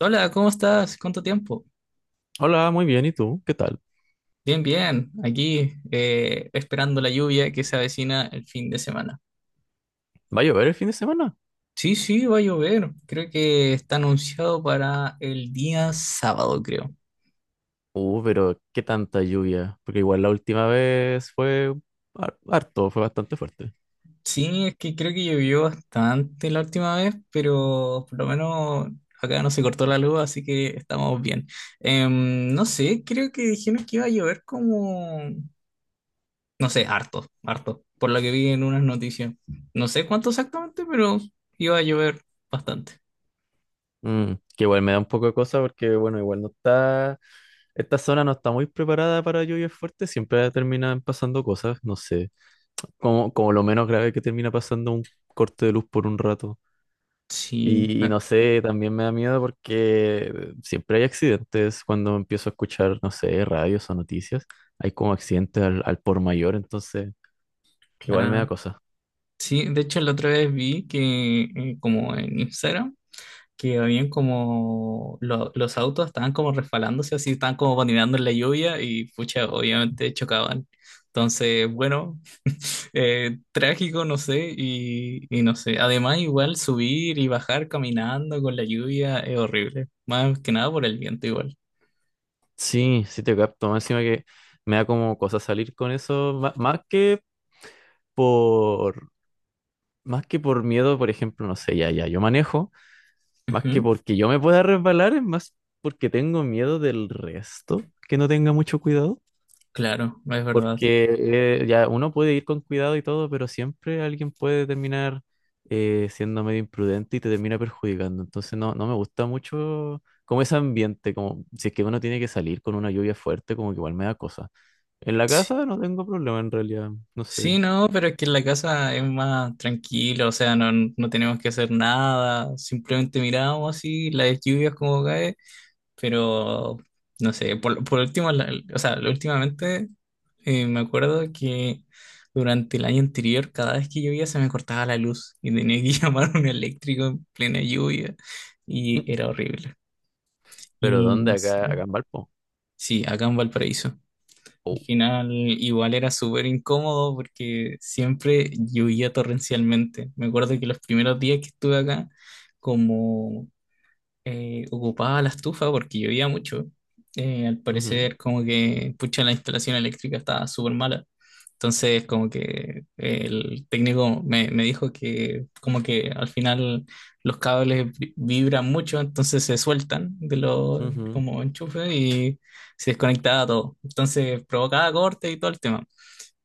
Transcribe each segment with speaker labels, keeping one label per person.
Speaker 1: Hola, ¿cómo estás? ¿Cuánto tiempo?
Speaker 2: Hola, muy bien, ¿y tú? ¿Qué tal?
Speaker 1: Bien, bien. Aquí esperando la lluvia que se avecina el fin de semana.
Speaker 2: ¿Va a llover el fin de semana?
Speaker 1: Sí, sí, va a llover. Creo que está anunciado para el día sábado, creo.
Speaker 2: Pero qué tanta lluvia, porque igual la última vez fue harto, fue bastante fuerte.
Speaker 1: Sí, es que creo que llovió bastante la última vez, pero por lo menos acá no se cortó la luz, así que estamos bien. No sé, creo que dijeron que iba a llover como... No sé, harto, harto. Por lo que vi en unas noticias. No sé cuánto exactamente, pero iba a llover bastante.
Speaker 2: Mm, que igual me da un poco de cosa porque, bueno, igual no está, esta zona no está muy preparada para lluvias fuertes, siempre terminan pasando cosas, no sé, como lo menos grave que termina pasando un corte de luz por un rato.
Speaker 1: Sí,
Speaker 2: Y
Speaker 1: me-
Speaker 2: no sé, también me da miedo porque siempre hay accidentes cuando empiezo a escuchar, no sé, radios o noticias. Hay como accidentes al por mayor, entonces igual me da
Speaker 1: claro.
Speaker 2: cosa.
Speaker 1: Sí, de hecho la otra vez vi que como en Instagram, que habían como los autos estaban como resbalándose, así estaban como patinando en la lluvia y pucha, obviamente chocaban. Entonces, bueno, trágico, no sé, y no sé. Además, igual subir y bajar caminando con la lluvia es horrible. Más que nada por el viento igual.
Speaker 2: Sí, sí te capto. Más encima que me da como cosa salir con eso, más, que, por, más que por miedo, por ejemplo, no sé, ya, yo manejo, más que
Speaker 1: Ujú,
Speaker 2: porque yo me pueda resbalar, es más porque tengo miedo del resto, que no tenga mucho cuidado.
Speaker 1: claro, es verdad.
Speaker 2: Porque ya uno puede ir con cuidado y todo, pero siempre alguien puede terminar siendo medio imprudente y te termina perjudicando. Entonces no, no me gusta mucho como ese ambiente, como si es que uno tiene que salir con una lluvia fuerte, como que igual me da cosa. En la
Speaker 1: Sí.
Speaker 2: casa no tengo problema en realidad, no
Speaker 1: Sí,
Speaker 2: sé.
Speaker 1: no, pero es que en la casa es más tranquilo, o sea, no, no tenemos que hacer nada, simplemente miramos así las lluvias como cae, pero no sé, por último, o sea, últimamente me acuerdo que durante el año anterior, cada vez que llovía se me cortaba la luz y tenía que llamar a un eléctrico en plena lluvia
Speaker 2: Mm.
Speaker 1: y era horrible.
Speaker 2: Pero
Speaker 1: Y
Speaker 2: ¿dónde?
Speaker 1: no sé,
Speaker 2: Acá, acá en Valpo.
Speaker 1: sí, acá en Valparaíso. Al
Speaker 2: Oh.
Speaker 1: final igual era súper incómodo porque siempre llovía torrencialmente. Me acuerdo que los primeros días que estuve acá, como ocupaba la estufa porque llovía mucho. Al
Speaker 2: Ujú,
Speaker 1: parecer, como que, pucha, la instalación eléctrica estaba súper mala. Entonces, como que el técnico me dijo que, como que al final los cables vibran mucho, entonces se sueltan de los
Speaker 2: ujú.
Speaker 1: como enchufes y se desconectaba todo. Entonces, provocaba cortes y todo el tema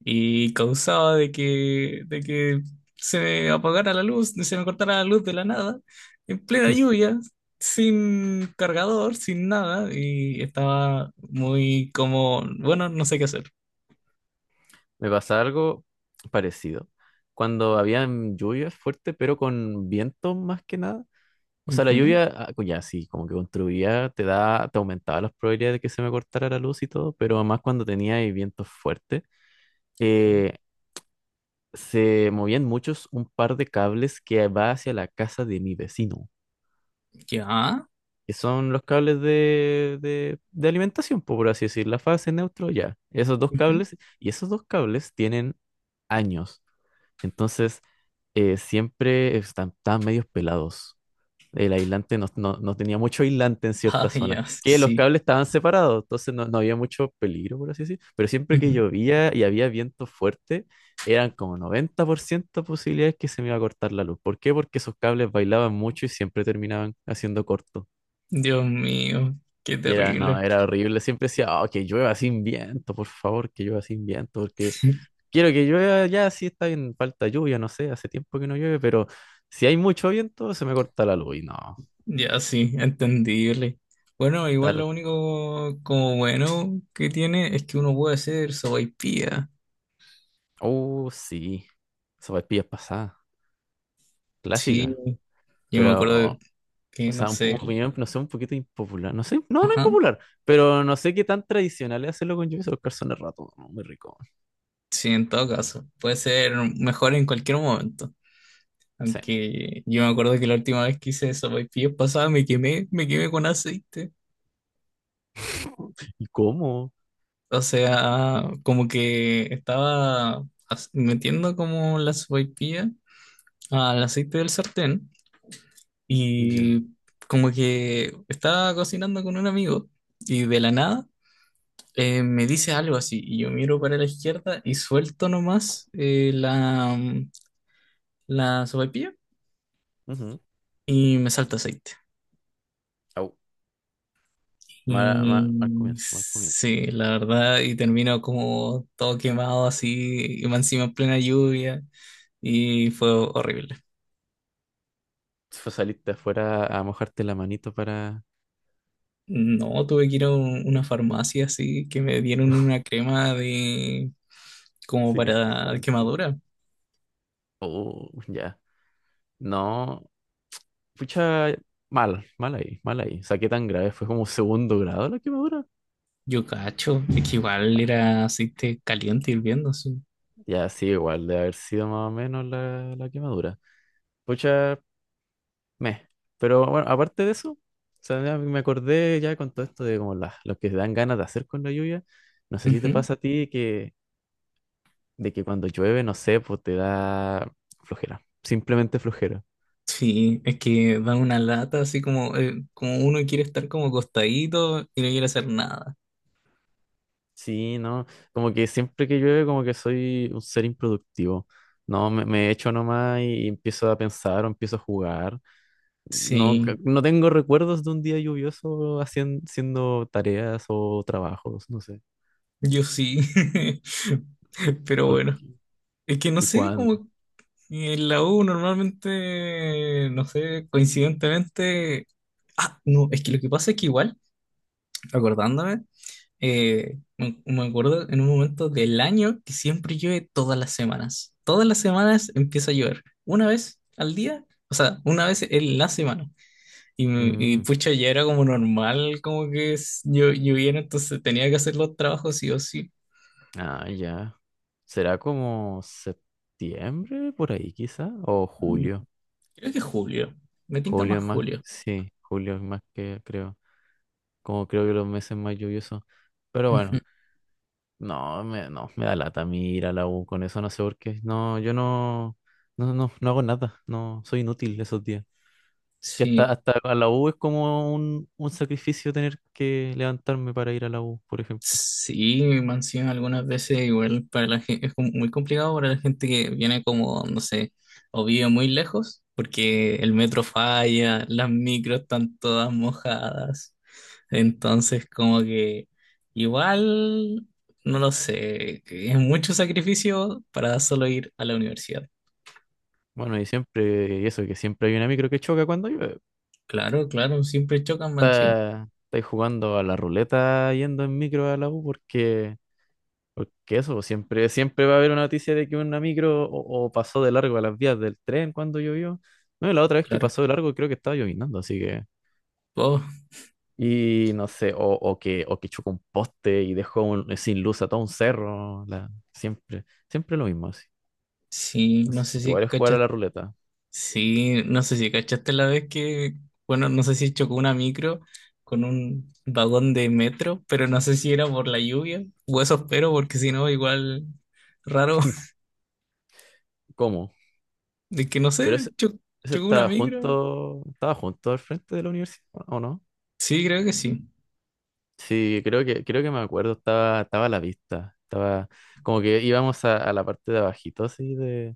Speaker 1: y causaba de que se me apagara la luz, se me cortara la luz de la nada, en plena lluvia, sin cargador, sin nada, y estaba muy como, bueno, no sé qué hacer.
Speaker 2: Me pasa algo parecido. Cuando habían lluvias fuertes, pero con vientos más que nada. O sea, la
Speaker 1: Ujú,
Speaker 2: lluvia, ah, ya sí, como que contribuía, te da, te aumentaba las probabilidades de que se me cortara la luz y todo, pero además cuando tenía ahí vientos fuertes,
Speaker 1: claro.
Speaker 2: eh, se movían muchos un par de cables que va hacia la casa de mi vecino,
Speaker 1: Ya.
Speaker 2: que son los cables de alimentación, po, por así decir, la fase, neutro, ya. Esos dos
Speaker 1: Ujú.
Speaker 2: cables, y esos dos cables tienen años, entonces siempre están, están medios pelados. El aislante no tenía mucho aislante en cierta
Speaker 1: Ah,
Speaker 2: zona,
Speaker 1: ya,
Speaker 2: que los
Speaker 1: sí.
Speaker 2: cables estaban separados, entonces no, no había mucho peligro, por así decir. Pero siempre que
Speaker 1: Ujú.
Speaker 2: llovía y había viento fuerte, eran como 90% posibilidades que se me iba a cortar la luz. ¿Por qué? Porque esos cables bailaban mucho y siempre terminaban haciendo corto.
Speaker 1: Dios mío, qué
Speaker 2: Y era, no,
Speaker 1: terrible.
Speaker 2: era horrible. Siempre decía, oh, que llueva sin viento, por favor, que llueva sin viento, porque quiero que llueva ya, sí está bien, falta lluvia, no sé, hace tiempo que no llueve, pero si hay mucho viento, se me corta la luz y no.
Speaker 1: Ya, sí, entendible. Bueno, igual lo único como bueno que tiene es que uno puede hacer sopaipilla.
Speaker 2: Oh, sí. Sopaipillas pasadas.
Speaker 1: Sí,
Speaker 2: Clásica.
Speaker 1: yo me
Speaker 2: Pero,
Speaker 1: acuerdo
Speaker 2: oh,
Speaker 1: que,
Speaker 2: o
Speaker 1: no
Speaker 2: sea, un,
Speaker 1: sé,
Speaker 2: opinión, no sé, un poquito impopular. No sé, no, no
Speaker 1: ajá,
Speaker 2: impopular. Pero no sé qué tan tradicional es hacerlo con lluvia los calzones rato. ¿No? Muy rico.
Speaker 1: sí, en todo caso, puede ser mejor en cualquier momento.
Speaker 2: Sí.
Speaker 1: Aunque yo me acuerdo que la última vez que hice sopaipillas pasada me quemé con aceite.
Speaker 2: ¿Y cómo?
Speaker 1: O sea, como que estaba metiendo como la sopaipilla al aceite del sartén
Speaker 2: Ya.
Speaker 1: y como que estaba cocinando con un amigo y de la nada me dice algo así, y yo miro para la izquierda y suelto nomás la sopaipilla
Speaker 2: Ujú.
Speaker 1: y me salto aceite.
Speaker 2: Au. Mal
Speaker 1: Y
Speaker 2: comienzo, mal comienzo.
Speaker 1: sí, la verdad, y termino como todo quemado así, y más encima en plena lluvia, y fue horrible.
Speaker 2: Fue salirte afuera a mojarte la manito para
Speaker 1: No, tuve que ir a una farmacia así, que me dieron una crema de como para
Speaker 2: cicatrizante.
Speaker 1: quemadura.
Speaker 2: Oh, ya. No, pucha, mal, mal ahí, mal ahí. O sea, qué tan grave. Fue como segundo grado la quemadura.
Speaker 1: Yo cacho, es que igual era aceite caliente hirviendo, sí.
Speaker 2: Ya, sí, igual, de haber sido más o menos la quemadura. Pucha, meh. Pero bueno, aparte de eso, o sea, ya me acordé ya con todo esto de como los que dan ganas de hacer con la lluvia. No sé si te
Speaker 1: Ujú.
Speaker 2: pasa a ti que, de que cuando llueve, no sé, pues te da flojera. Simplemente flojera.
Speaker 1: Sí, es que dan una lata así como, como uno quiere estar como acostadito y no quiere hacer nada.
Speaker 2: Sí, no, como que siempre que llueve, como que soy un ser improductivo. No, me echo nomás y empiezo a pensar o empiezo a jugar. No,
Speaker 1: Sí,
Speaker 2: no tengo recuerdos de un día lluvioso haciendo tareas o trabajos, no sé.
Speaker 1: yo sí. Pero
Speaker 2: ¿Por
Speaker 1: bueno, es que no
Speaker 2: y
Speaker 1: sé, como
Speaker 2: cuándo?
Speaker 1: que en la U normalmente, no sé, coincidentemente. Ah, no, es que lo que pasa es que igual, acordándome, me acuerdo en un momento del año que siempre llueve todas las semanas. Todas las semanas empieza a llover. Una vez al día, o sea, una vez en la semana. Y
Speaker 2: Mm,
Speaker 1: pucha, ya era como normal, como que lloviera, entonces tenía que hacer los trabajos sí o sí.
Speaker 2: ah, ya. ¿Será como septiembre por ahí quizá? ¿O julio?
Speaker 1: Creo que julio. Me tinta
Speaker 2: Julio
Speaker 1: más
Speaker 2: es más,
Speaker 1: julio.
Speaker 2: sí, julio es más que creo. Como creo que los meses más lluviosos. Pero
Speaker 1: Ujú.
Speaker 2: bueno, no, no, me da lata a mí ir a la U con eso, no sé por qué. No, yo no, no hago nada, no, soy inútil esos días. Que
Speaker 1: Sí.
Speaker 2: hasta a la U es como un sacrificio tener que levantarme para ir a la U, por ejemplo.
Speaker 1: Sí, me han sido algunas veces igual para la gente, es como muy complicado para la gente que viene como, no sé, o vive muy lejos, porque el metro falla, las micros están todas mojadas. Entonces, como que igual, no lo sé, que es mucho sacrificio para solo ir a la universidad.
Speaker 2: Bueno, y siempre, y eso, que siempre hay una micro que choca cuando llueve.
Speaker 1: Claro, claro, siempre chocan, man, sí,
Speaker 2: Estáis jugando a la ruleta yendo en micro a la U porque eso, pues, siempre, siempre va a haber una noticia de que una micro o pasó de largo a las vías del tren cuando llovió. No, y la otra vez que
Speaker 1: claro.
Speaker 2: pasó de largo creo que estaba llovinando, así que...
Speaker 1: Oh,
Speaker 2: Y no sé, o que chocó un poste y dejó un- sin luz a todo un cerro, la, siempre. Siempre lo mismo.
Speaker 1: sí, no
Speaker 2: Entonces,
Speaker 1: sé si
Speaker 2: igual es jugar a
Speaker 1: cachas.
Speaker 2: la ruleta.
Speaker 1: Sí, no sé si cachaste la vez que, bueno, no sé si chocó una micro con un vagón de metro, pero no sé si era por la lluvia, o eso espero, porque si no, igual raro,
Speaker 2: ¿Cómo?
Speaker 1: de que no
Speaker 2: Pero
Speaker 1: sé,
Speaker 2: ese, ese
Speaker 1: chocó una micro.
Speaker 2: estaba junto al frente de la universidad, ¿o no?
Speaker 1: Sí, creo que sí,
Speaker 2: Sí, creo que me acuerdo, estaba, estaba a la vista. Estaba como que íbamos a la parte de abajito así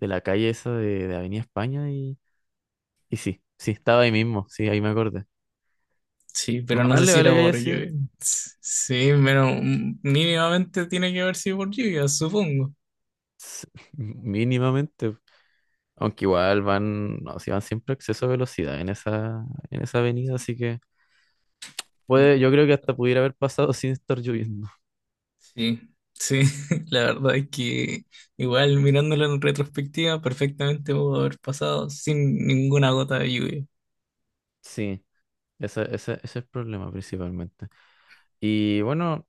Speaker 2: de la calle esa de Avenida España y sí, sí, estaba ahí mismo, sí, ahí me acordé.
Speaker 1: sí, pero no
Speaker 2: Mamá
Speaker 1: sé
Speaker 2: le
Speaker 1: si era
Speaker 2: vale que haya
Speaker 1: por
Speaker 2: sido
Speaker 1: lluvia. S- Sí, pero mm, mínimamente tiene que haber sido por lluvia, supongo.
Speaker 2: s- mínimamente, aunque igual van, no, si van siempre a exceso de velocidad en esa avenida, así que puede, yo creo que hasta pudiera haber pasado sin estar lloviendo.
Speaker 1: Sí, sí, la verdad es que igual mirándolo en retrospectiva, perfectamente pudo haber pasado sin ninguna gota de lluvia.
Speaker 2: Sí, ese es el problema principalmente. Y bueno,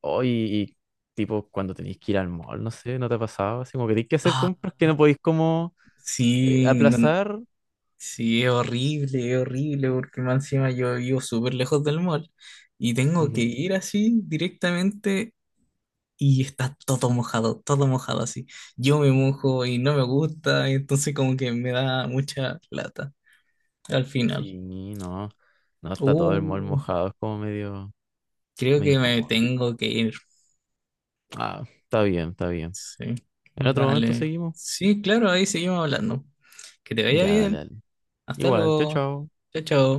Speaker 2: hoy, y tipo, cuando tenéis que ir al mall, no sé, ¿no te ha pasado? Así como que tenéis que hacer
Speaker 1: Ah,
Speaker 2: compras que no podéis como
Speaker 1: sí,
Speaker 2: aplazar.
Speaker 1: sí, es horrible, porque más encima yo vivo súper lejos del mall y tengo que
Speaker 2: Ujú.
Speaker 1: ir así directamente y está todo mojado así. Yo me mojo y no me gusta, entonces como que me da mucha lata al final.
Speaker 2: Sí, no, no, está todo el mall
Speaker 1: Uh,
Speaker 2: mojado, es como medio,
Speaker 1: creo
Speaker 2: medio
Speaker 1: que me
Speaker 2: incómodo.
Speaker 1: tengo que ir.
Speaker 2: Ah, está bien, está bien.
Speaker 1: Sí,
Speaker 2: En otro momento
Speaker 1: dale.
Speaker 2: seguimos.
Speaker 1: Sí, claro, ahí seguimos hablando. Que te vaya
Speaker 2: Ya, dale,
Speaker 1: bien.
Speaker 2: dale.
Speaker 1: Hasta
Speaker 2: Igual, chao,
Speaker 1: luego.
Speaker 2: chao.
Speaker 1: Chao, chao.